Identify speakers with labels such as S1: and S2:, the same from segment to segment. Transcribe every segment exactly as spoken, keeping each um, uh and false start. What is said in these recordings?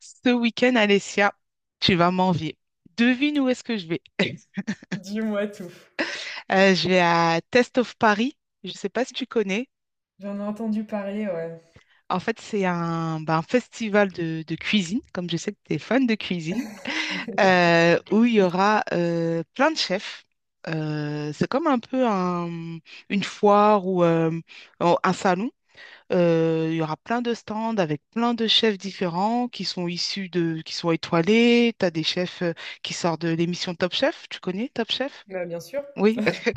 S1: Ce week-end, Alessia, tu vas m'envier. Devine où est-ce que je vais.
S2: Dis-moi tout.
S1: Euh, je vais à Test of Paris. Je ne sais pas si tu connais.
S2: J'en ai entendu parler, ouais.
S1: En fait, c'est un, ben, un festival de, de cuisine, comme je sais que tu es fan de cuisine, euh, où il y aura euh, plein de chefs. Euh, c'est comme un peu un- une foire ou euh, un salon. Euh, il y aura plein de stands avec plein de chefs différents qui sont issus de, qui sont étoilés. Tu as des chefs euh, qui sortent de l'émission Top Chef. Tu connais Top Chef?
S2: Bah, bien sûr.
S1: Oui.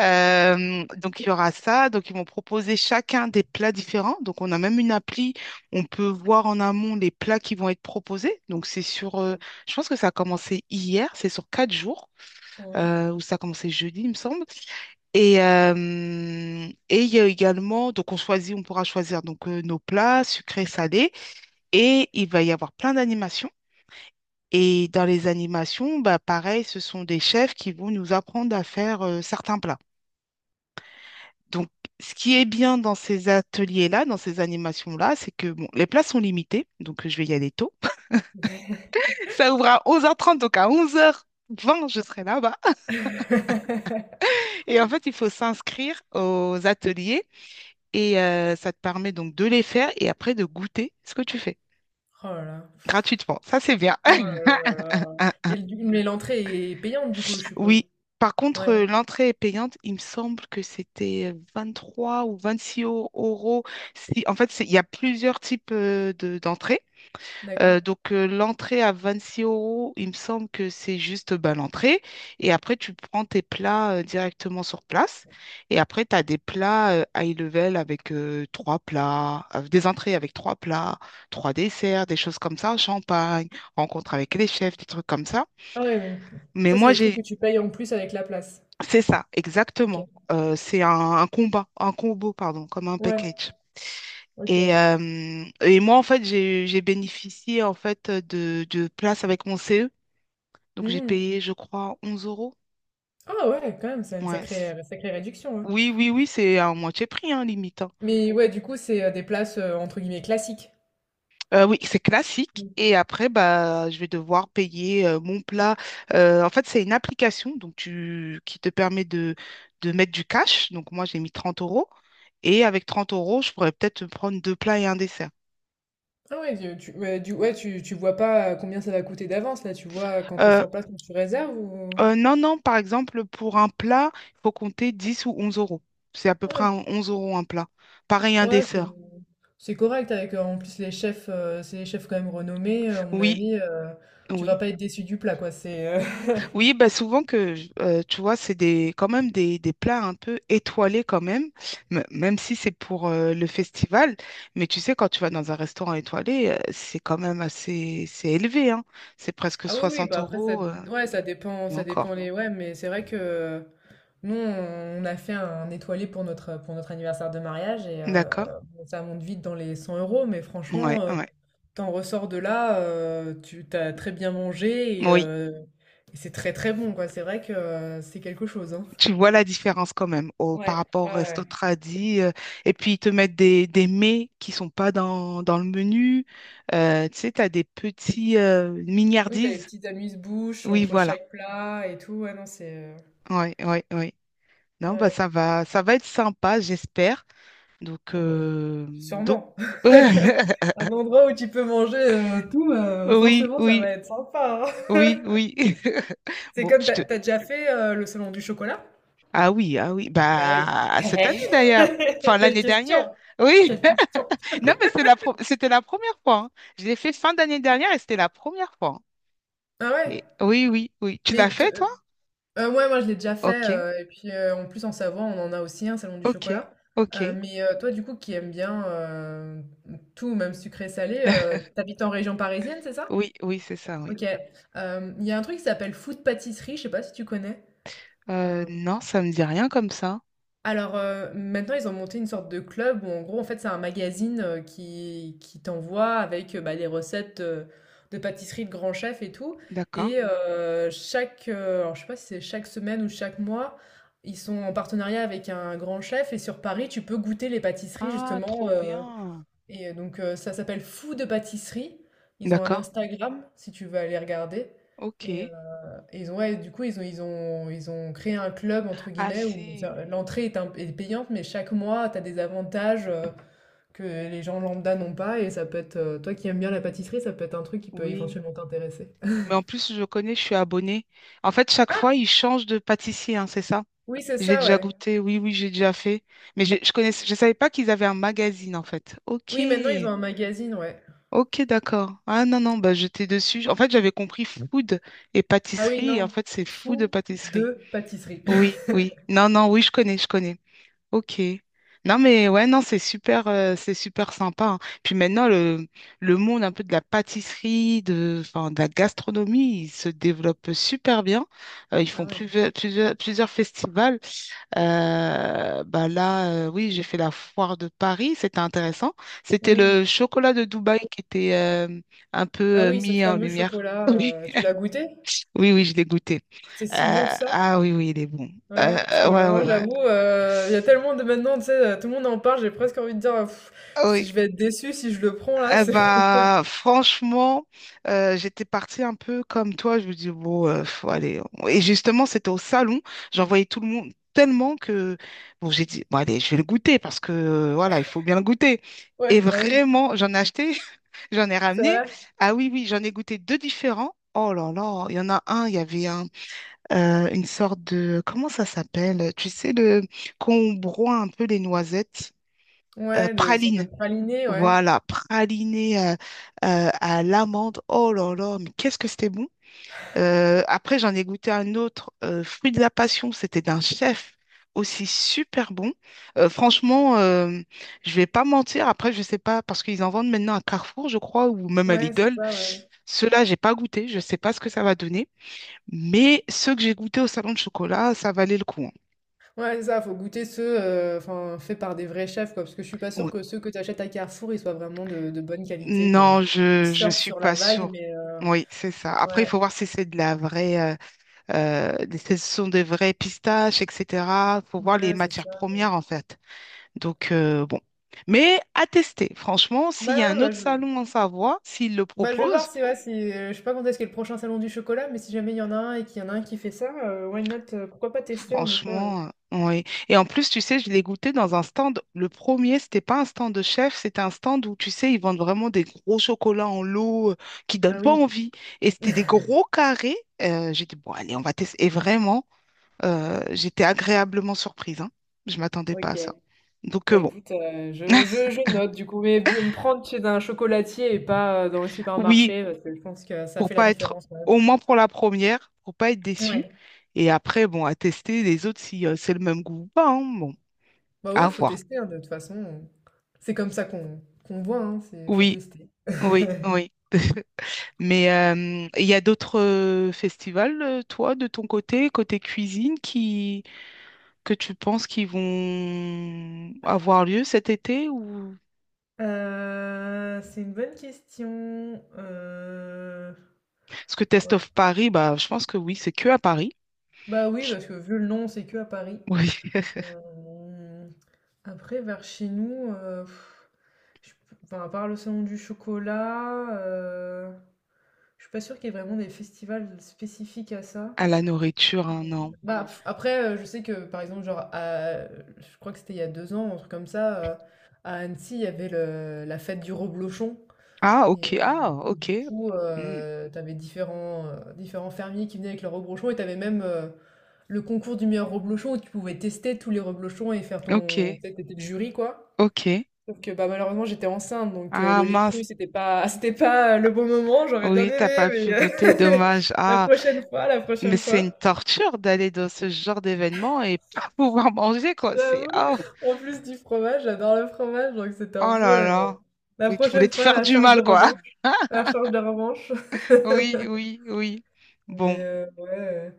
S1: Euh, donc il y aura ça. Donc ils vont proposer chacun des plats différents. Donc on a même une appli. On peut voir en amont les plats qui vont être proposés. Donc c'est sur, euh, je pense que ça a commencé hier. C'est sur quatre jours.
S2: Ouais.
S1: euh, ou ça a commencé jeudi, il me semble. Et, euh, et il y a également, donc on choisit, on pourra choisir donc euh, nos plats sucrés, salés, et il va y avoir plein d'animations. Et dans les animations, bah pareil, ce sont des chefs qui vont nous apprendre à faire euh, certains plats. Donc, ce qui est bien dans ces ateliers-là, dans ces animations-là, c'est que bon, les plats sont limités, donc euh, je vais y aller tôt. Ça ouvre à onze heures trente, donc à onze heures vingt je serai là-bas. Et en fait, il faut s'inscrire aux ateliers, et euh, ça te permet donc de les faire et après de goûter ce que tu fais
S2: Oh là là.
S1: gratuitement. Ça, c'est bien.
S2: Oh là là là là.
S1: Ah,
S2: Et le- mais l'entrée est payante du coup, je suppose.
S1: oui. Par contre,
S2: Ouais,
S1: euh, l'entrée est payante. Il me semble que c'était vingt trois ou vingt-six eu- euros. Si, en fait, c'est- il y a plusieurs types euh, de, d'entrées. Euh,
S2: d'accord.
S1: donc, euh, l'entrée à vingt-six euros, il me semble que c'est juste bah, l'entrée. Et après, tu prends tes plats euh, directement sur place. Et après, tu as des plats euh, high level avec euh, trois plats, euh, des entrées avec trois plats, trois desserts, des choses comme ça, champagne, rencontre avec les chefs, des trucs comme ça.
S2: Ah ouais, ouais.
S1: Mais
S2: Ça c'est
S1: moi,
S2: des trucs
S1: j'ai...
S2: que tu payes en plus avec la place.
S1: c'est ça,
S2: Ok.
S1: exactement. Euh, c'est un, un combat, un combo, pardon, comme un
S2: Ouais,
S1: package. Et,
S2: ok.
S1: euh, et moi, en fait, j'ai j'ai bénéficié en fait de, de places avec mon C E. Donc j'ai
S2: Mhm.
S1: payé, je crois, onze euros.
S2: Ah ouais, quand même, c'est une
S1: Ouais. c-
S2: sacrée, sacrée réduction, hein.
S1: Oui, oui, oui, c'est à moitié prix, hein, limite, hein.
S2: Mais ouais, du coup, c'est euh, des places euh, entre guillemets classiques.
S1: Euh, oui, c'est classique. Et après, bah, je vais devoir payer euh, mon plat. Euh, en fait, c'est une application donc tu, qui te permet de, de mettre du cash. Donc moi, j'ai mis trente euros. Et avec trente euros, je pourrais peut-être prendre deux plats et un dessert.
S2: Ah ouais, tu, tu- ouais, du, ouais, tu, tu vois pas combien ça va coûter d'avance, là, tu vois quand t'es
S1: Euh,
S2: sur place, quand tu réserves ou...
S1: euh, non, non, par exemple, pour un plat, il faut compter dix ou onze euros. C'est à peu près
S2: Ouais,
S1: un- onze euros un plat. Pareil, un
S2: ouais, c'est
S1: dessert.
S2: c'est correct avec, euh, en plus, les chefs, euh, c'est les chefs quand même renommés, euh, à mon
S1: Oui,
S2: avis, euh, tu vas
S1: oui.
S2: pas être déçu du plat, quoi, c'est... euh,
S1: Oui, bah souvent que, je- euh, tu vois, c'est des, quand même des, des plats un peu étoilés quand même, m- même si c'est pour euh, le festival. Mais tu sais, quand tu vas dans un restaurant étoilé, euh, c'est quand même assez, c'est élevé, hein. C'est presque
S2: Ah oui, oui,
S1: 60
S2: bah après, ça,
S1: euros, euh,
S2: ouais, ça dépend,
S1: et
S2: ça
S1: encore.
S2: dépend les... Ouais, mais c'est vrai que... Nous, on a fait un étoilé pour notre, pour notre anniversaire de mariage et
S1: D'accord?
S2: euh, bon, ça monte vite dans les cent euros, mais
S1: Ouais,
S2: franchement, euh,
S1: ouais.
S2: t'en ressors de là, euh, tu t'as très bien mangé et,
S1: Oui,
S2: euh, et c'est très très bon, quoi. C'est vrai que euh, c'est quelque chose, hein.
S1: tu vois la différence quand même au, par
S2: Ouais,
S1: rapport au
S2: ouais,
S1: resto
S2: ouais.
S1: tradi. euh, et puis, ils te mettent des, des mets qui sont pas dans, dans le menu. Euh, tu sais, tu as des petits euh,
S2: Oui, t'as les
S1: mignardises.
S2: petites amuse-bouches
S1: Oui,
S2: entre
S1: voilà.
S2: chaque plat et tout. Ouais, non, c'est... euh,
S1: Oui, oui, oui. Non, bah ça
S2: Ouais.
S1: va, ça va être sympa, j'espère. Donc,
S2: Oh, bon,
S1: euh, donc,
S2: sûrement. Un endroit où tu peux manger euh, tout, euh,
S1: oui,
S2: forcément, ça va
S1: oui,
S2: être sympa, hein.
S1: oui, oui.
S2: C'est
S1: Bon,
S2: comme,
S1: je
S2: t'as
S1: te.
S2: as déjà fait euh, le salon du chocolat.
S1: Ah oui, ah oui.
S2: Bah oui.
S1: Bah cette année d'ailleurs. Enfin
S2: Quelle
S1: l'année dernière.
S2: question.
S1: Oui.
S2: Quelle question.
S1: Non, mais c'est la pro- c'était la première fois, hein. Je l'ai fait fin d'année dernière et c'était la première fois, hein.
S2: Ah
S1: Et
S2: ouais.
S1: oui, oui, oui. Tu
S2: Mais
S1: l'as
S2: t-
S1: fait
S2: euh,
S1: toi?
S2: euh, ouais, moi je l'ai déjà fait,
S1: Ok,
S2: euh, et puis euh, en plus en Savoie, on en a aussi un salon du
S1: ok,
S2: chocolat.
S1: ok.
S2: Euh, mais euh, toi, du coup, qui aime bien euh, tout, même sucré-salé, euh, t'habites en région parisienne, c'est ça?
S1: Oui, oui, c'est ça, oui.
S2: Ok. Euh, il y a un truc qui s'appelle Food Pâtisserie, je sais pas si tu connais.
S1: Euh,
S2: Euh,
S1: non, ça me dit rien comme ça.
S2: Alors, heu, maintenant ils ont monté une sorte de club où en gros en fait c'est un magazine, heu, qui qui t'envoie avec, heu, bah, les recettes, heu, de pâtisserie de grands chefs et tout
S1: D'accord.
S2: et Mmh. Chaque, heu, alors je sais pas si c'est chaque semaine ou chaque mois, ils sont en partenariat avec un grand chef et sur Paris tu peux goûter les pâtisseries
S1: Ah,
S2: justement,
S1: trop
S2: heu
S1: bien.
S2: et euh, donc heu, ça s'appelle Fou de pâtisserie. Ils ont un
S1: D'accord.
S2: Instagram si tu veux aller regarder
S1: Ok.
S2: et ils ont ouais, du coup, ils ont ils ont ils ont créé un club entre
S1: Ah
S2: guillemets où
S1: si,
S2: ça l'entrée est un est payante, mais chaque mois, tu as des avantages, heu, que les gens lambda n'ont pas et ça peut être, heu, toi qui aimes bien la pâtisserie, ça peut être un truc qui peut
S1: oui.
S2: éventuellement t'intéresser.
S1: Mais en plus, je connais, je suis abonnée. En fait, chaque
S2: Ah!
S1: fois, ils changent de pâtissier, hein, c'est ça?
S2: Oui, c'est
S1: J'ai
S2: ça,
S1: déjà
S2: ouais.
S1: goûté, oui, oui, j'ai déjà fait. Mais je, je connaissais, je savais pas qu'ils avaient un magazine, en fait. Ok.
S2: Oui, maintenant, ils ont un magazine, ouais.
S1: Ok, d'accord. Ah non, non, bah j'étais dessus. En fait, j'avais compris food et
S2: Ah oui,
S1: pâtisserie, et en
S2: non.
S1: fait, c'est food de
S2: Fou
S1: pâtisserie.
S2: de pâtisserie.
S1: Oui, oui. Non, non, oui, je connais, je connais. Ok. Non mais ouais, non, c'est super, euh, c'est super sympa, hein. Puis maintenant, le, le monde un peu de la pâtisserie, de, enfin, de la gastronomie, il se développe super bien. Euh, ils font
S2: Ah ouais.
S1: plusieurs, plusieurs, plusieurs festivals. Euh, bah là, euh, oui, j'ai fait la foire de Paris, c'était intéressant. C'était
S2: Mmh.
S1: le chocolat de Dubaï qui était euh, un peu
S2: Ah
S1: euh,
S2: oui, ce
S1: mis en
S2: fameux
S1: lumière. Oui,
S2: chocolat, heu, tu l'as goûté?
S1: oui, oui, je l'ai goûté.
S2: C'est
S1: Euh,
S2: si bon que ça?
S1: ah oui, oui, il est bon. Euh,
S2: Ouais, parce que
S1: euh, ouais,
S2: euh, moi
S1: ouais, ouais.
S2: j'avoue, euh, il y a tellement de maintenant, tu sais, heu, tout le monde en parle, j'ai presque envie de dire: «Pff,
S1: Oui.
S2: si je vais être déçue si je le prends là,
S1: Eh
S2: c'est».
S1: ben, franchement, euh, j'étais partie un peu comme toi. Je me dis, bon, euh, faut aller. Et justement, c'était au salon. J'en voyais tout le monde tellement que, bon, j'ai dit, bon, allez, je vais le goûter parce que, euh, voilà, il faut bien le goûter. Et
S2: Ouais, bah oui,
S1: vraiment, j'en ai acheté, j'en ai
S2: c'est
S1: ramené.
S2: vrai.
S1: Ah oui, oui, j'en ai goûté deux différents. Oh là là, il y en a un, il y avait un, euh, une sorte de, comment ça s'appelle? Tu sais, le, qu'on broie un peu les noisettes, euh,
S2: Ouais, de sorte de
S1: praline.
S2: praliné, ouais.
S1: Voilà, praliné euh, euh, à l'amande. Oh là là, mais qu'est-ce que c'était bon. Euh, après, j'en ai goûté un autre, euh, fruit de la passion. C'était d'un chef aussi super bon. Euh, franchement, euh, je vais pas mentir. Après, je sais pas parce qu'ils en vendent maintenant à Carrefour, je crois, ou même à
S2: Ouais, c'est
S1: Lidl.
S2: ça, ouais.
S1: Ceux-là, j'ai pas goûté. Je sais pas ce que ça va donner. Mais ceux que j'ai goûtés au salon de chocolat, ça valait le coup, hein.
S2: Ouais, c'est ça, faut goûter ceux, heu, enfin, faits par des vrais chefs, quoi, parce que je suis pas sûre
S1: Ouais.
S2: que ceux que tu achètes à Carrefour, ils soient vraiment de de bonne qualité, quoi. Je
S1: Non,
S2: pense qu'ils
S1: je je
S2: surfent
S1: suis
S2: sur
S1: pas
S2: la vague,
S1: sûre.
S2: mais heu,
S1: Oui, c'est ça. Après, il
S2: ouais,
S1: faut voir si c'est de la vraie. euh, Euh, ce sont des vraies pistaches, et cetera. Faut voir les
S2: ouais, c'est
S1: matières
S2: ça.
S1: premières, en fait. Donc, euh, bon. Mais à tester, franchement, s'il y a
S2: Bah ouais,
S1: un
S2: bah
S1: autre
S2: je
S1: salon en Savoie, s'il le
S2: Bah, je vais voir
S1: propose,
S2: si, ouais, si, euh, je sais pas quand est-ce qu'est le prochain salon du chocolat, mais si jamais il y en a un et qu'il y en a un qui fait ça, euh, why not, euh, pourquoi pas tester en effet, euh.
S1: franchement, euh, ouais. Et en plus, tu sais, je l'ai goûté dans un stand. Le premier, c'était pas un stand de chef, c'était un stand où, tu sais, ils vendent vraiment des gros chocolats en lot euh, qui
S2: Ah
S1: donnent pas
S2: oui,
S1: envie. Et c'était des gros carrés. Euh, j'ai dit, bon, allez, on va tester. Et vraiment, euh, j'étais agréablement surprise, hein. Je m'attendais pas
S2: ok.
S1: à ça. Donc, euh,
S2: Bah
S1: bon.
S2: écoute, euh, je, je, je note du coup, mais bien me prendre chez un chocolatier et pas euh, dans les
S1: Oui,
S2: supermarchés, parce que je pense que ça
S1: pour
S2: fait la
S1: pas être,
S2: différence quand même.
S1: au moins pour la première, pour pas être déçu.
S2: Ouais.
S1: Et après, bon, à tester les autres si euh, c'est le même goût ou pas, hein. Bon,
S2: Bah oui,
S1: à
S2: faut
S1: voir.
S2: tester hein, de toute façon. C'est comme ça qu'on qu'on voit, hein, c'est faut
S1: Oui,
S2: tester.
S1: oui, oui. Mais euh, il y a d'autres euh, festivals, euh, toi, de ton côté, côté cuisine, qui que tu penses qui vont avoir lieu cet été ou
S2: Euh, c'est une bonne question. Euh,
S1: parce que Test
S2: ouais.
S1: of Paris, bah, je pense que oui, c'est que à Paris.
S2: Bah oui,
S1: Je-
S2: parce que vu le nom, c'est que à Paris.
S1: Oui,
S2: Hem, Après, vers chez nous, heu, je enfin, à part le salon du chocolat, heu, je suis pas sûre qu'il y ait vraiment des festivals spécifiques à ça.
S1: à la nourriture, hein, non.
S2: Bah, Mmh. Pff, après, heu, je sais que, par exemple, genre, à je crois que c'était il y a deux ans, un truc comme ça, heu, à Annecy, il y avait le la fête du reblochon.
S1: Ah,
S2: Et,
S1: ok,
S2: euh,
S1: ah,
S2: et
S1: ok,
S2: du coup,
S1: Hmm,
S2: euh, tu différents, euh, différents fermiers qui venaient avec leurs reblochons et t'avais même euh, le concours du meilleur reblochon où tu pouvais tester tous les reblochons et faire
S1: ok.
S2: ton... Peut-être t'étais le jury, quoi.
S1: Ok.
S2: Sauf que bah, malheureusement, j'étais enceinte, donc euh,
S1: Ah
S2: le lait cru,
S1: mince,
S2: c'était pas, c'était pas le bon moment. J'aurais bien
S1: oui, t'as pas
S2: aimé,
S1: pu
S2: mais
S1: goûter,
S2: euh,
S1: dommage.
S2: la
S1: Ah,
S2: prochaine fois, la
S1: mais
S2: prochaine
S1: c'est une
S2: fois.
S1: torture d'aller dans ce genre d'événement et pas pouvoir manger, quoi. C'est
S2: J'avoue,
S1: oh,
S2: en plus du fromage, j'adore le fromage, donc c'était un
S1: oh là
S2: peu... euh,
S1: là.
S2: bon. La
S1: Oui, tu voulais
S2: prochaine
S1: te
S2: fois,
S1: faire
S2: la
S1: du
S2: charge de
S1: mal, quoi.
S2: revanche. La charge de revanche.
S1: Oui, oui, oui.
S2: Mais
S1: Bon,
S2: euh, ouais.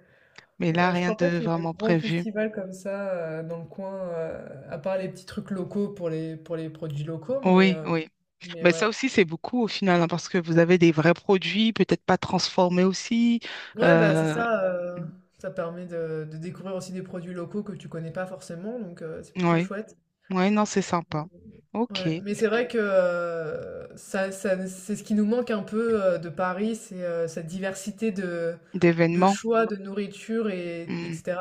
S1: mais là,
S2: Heu, je
S1: rien
S2: crois pas
S1: de
S2: qu'il y ait de
S1: vraiment
S2: gros
S1: prévu.
S2: festivals comme ça, heu, dans le coin, heu, à part les petits trucs locaux pour les pour les produits locaux, mais
S1: Oui,
S2: heu,
S1: oui.
S2: mais
S1: Mais ça
S2: ouais.
S1: aussi, c'est beaucoup au final, hein, parce que vous avez des vrais produits, peut-être pas transformés aussi.
S2: Ouais, bah, c'est
S1: Euh...
S2: ça,
S1: mm,
S2: heu, ça permet de de découvrir aussi des produits locaux que tu connais pas forcément, donc heu, c'est
S1: Oui,
S2: plutôt
S1: ouais,
S2: chouette.
S1: ouais, non, c'est sympa. Ok.
S2: Ouais, mais c'est vrai que euh, ça, ça- c'est ce qui nous manque un peu euh, de Paris, c'est euh, cette diversité de, de
S1: D'événements.
S2: choix, de nourriture, et,
S1: Mm,
S2: etc.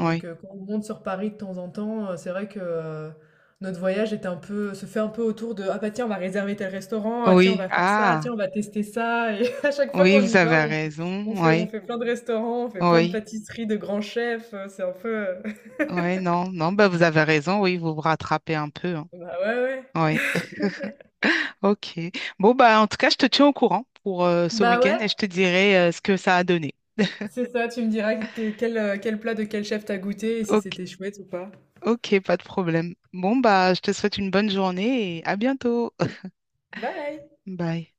S2: Donc euh, quand on monte sur Paris de temps en temps, euh, c'est vrai que euh, notre voyage est un peu, se fait un peu autour de «Ah bah tiens, on va réserver tel restaurant, ah tiens, on
S1: Oui,
S2: va faire ça, ah,
S1: ah,
S2: tiens, on va tester ça». Et à chaque fois
S1: oui,
S2: qu'on
S1: vous
S2: y va,
S1: avez
S2: on, on
S1: raison,
S2: fait, on
S1: oui,
S2: fait plein de restaurants, on fait plein de
S1: oui,
S2: pâtisseries de grands chefs, euh, c'est un peu... euh,
S1: oui, non, non, bah vous avez raison, oui, vous vous rattrapez un peu, hein.
S2: Bah ouais, ouais.
S1: Oui, ok. Bon, bah en tout cas, je te tiens au courant pour euh, ce
S2: Bah
S1: week-end
S2: ouais,
S1: et je te dirai euh, ce que ça a donné.
S2: c'est ça, tu me diras que- quel, euh, quel plat de quel chef t'as goûté et si
S1: Ok,
S2: c'était chouette ou pas.
S1: ok, pas de problème. Bon, bah, je te souhaite une bonne journée et à bientôt.
S2: Bye!
S1: Bye.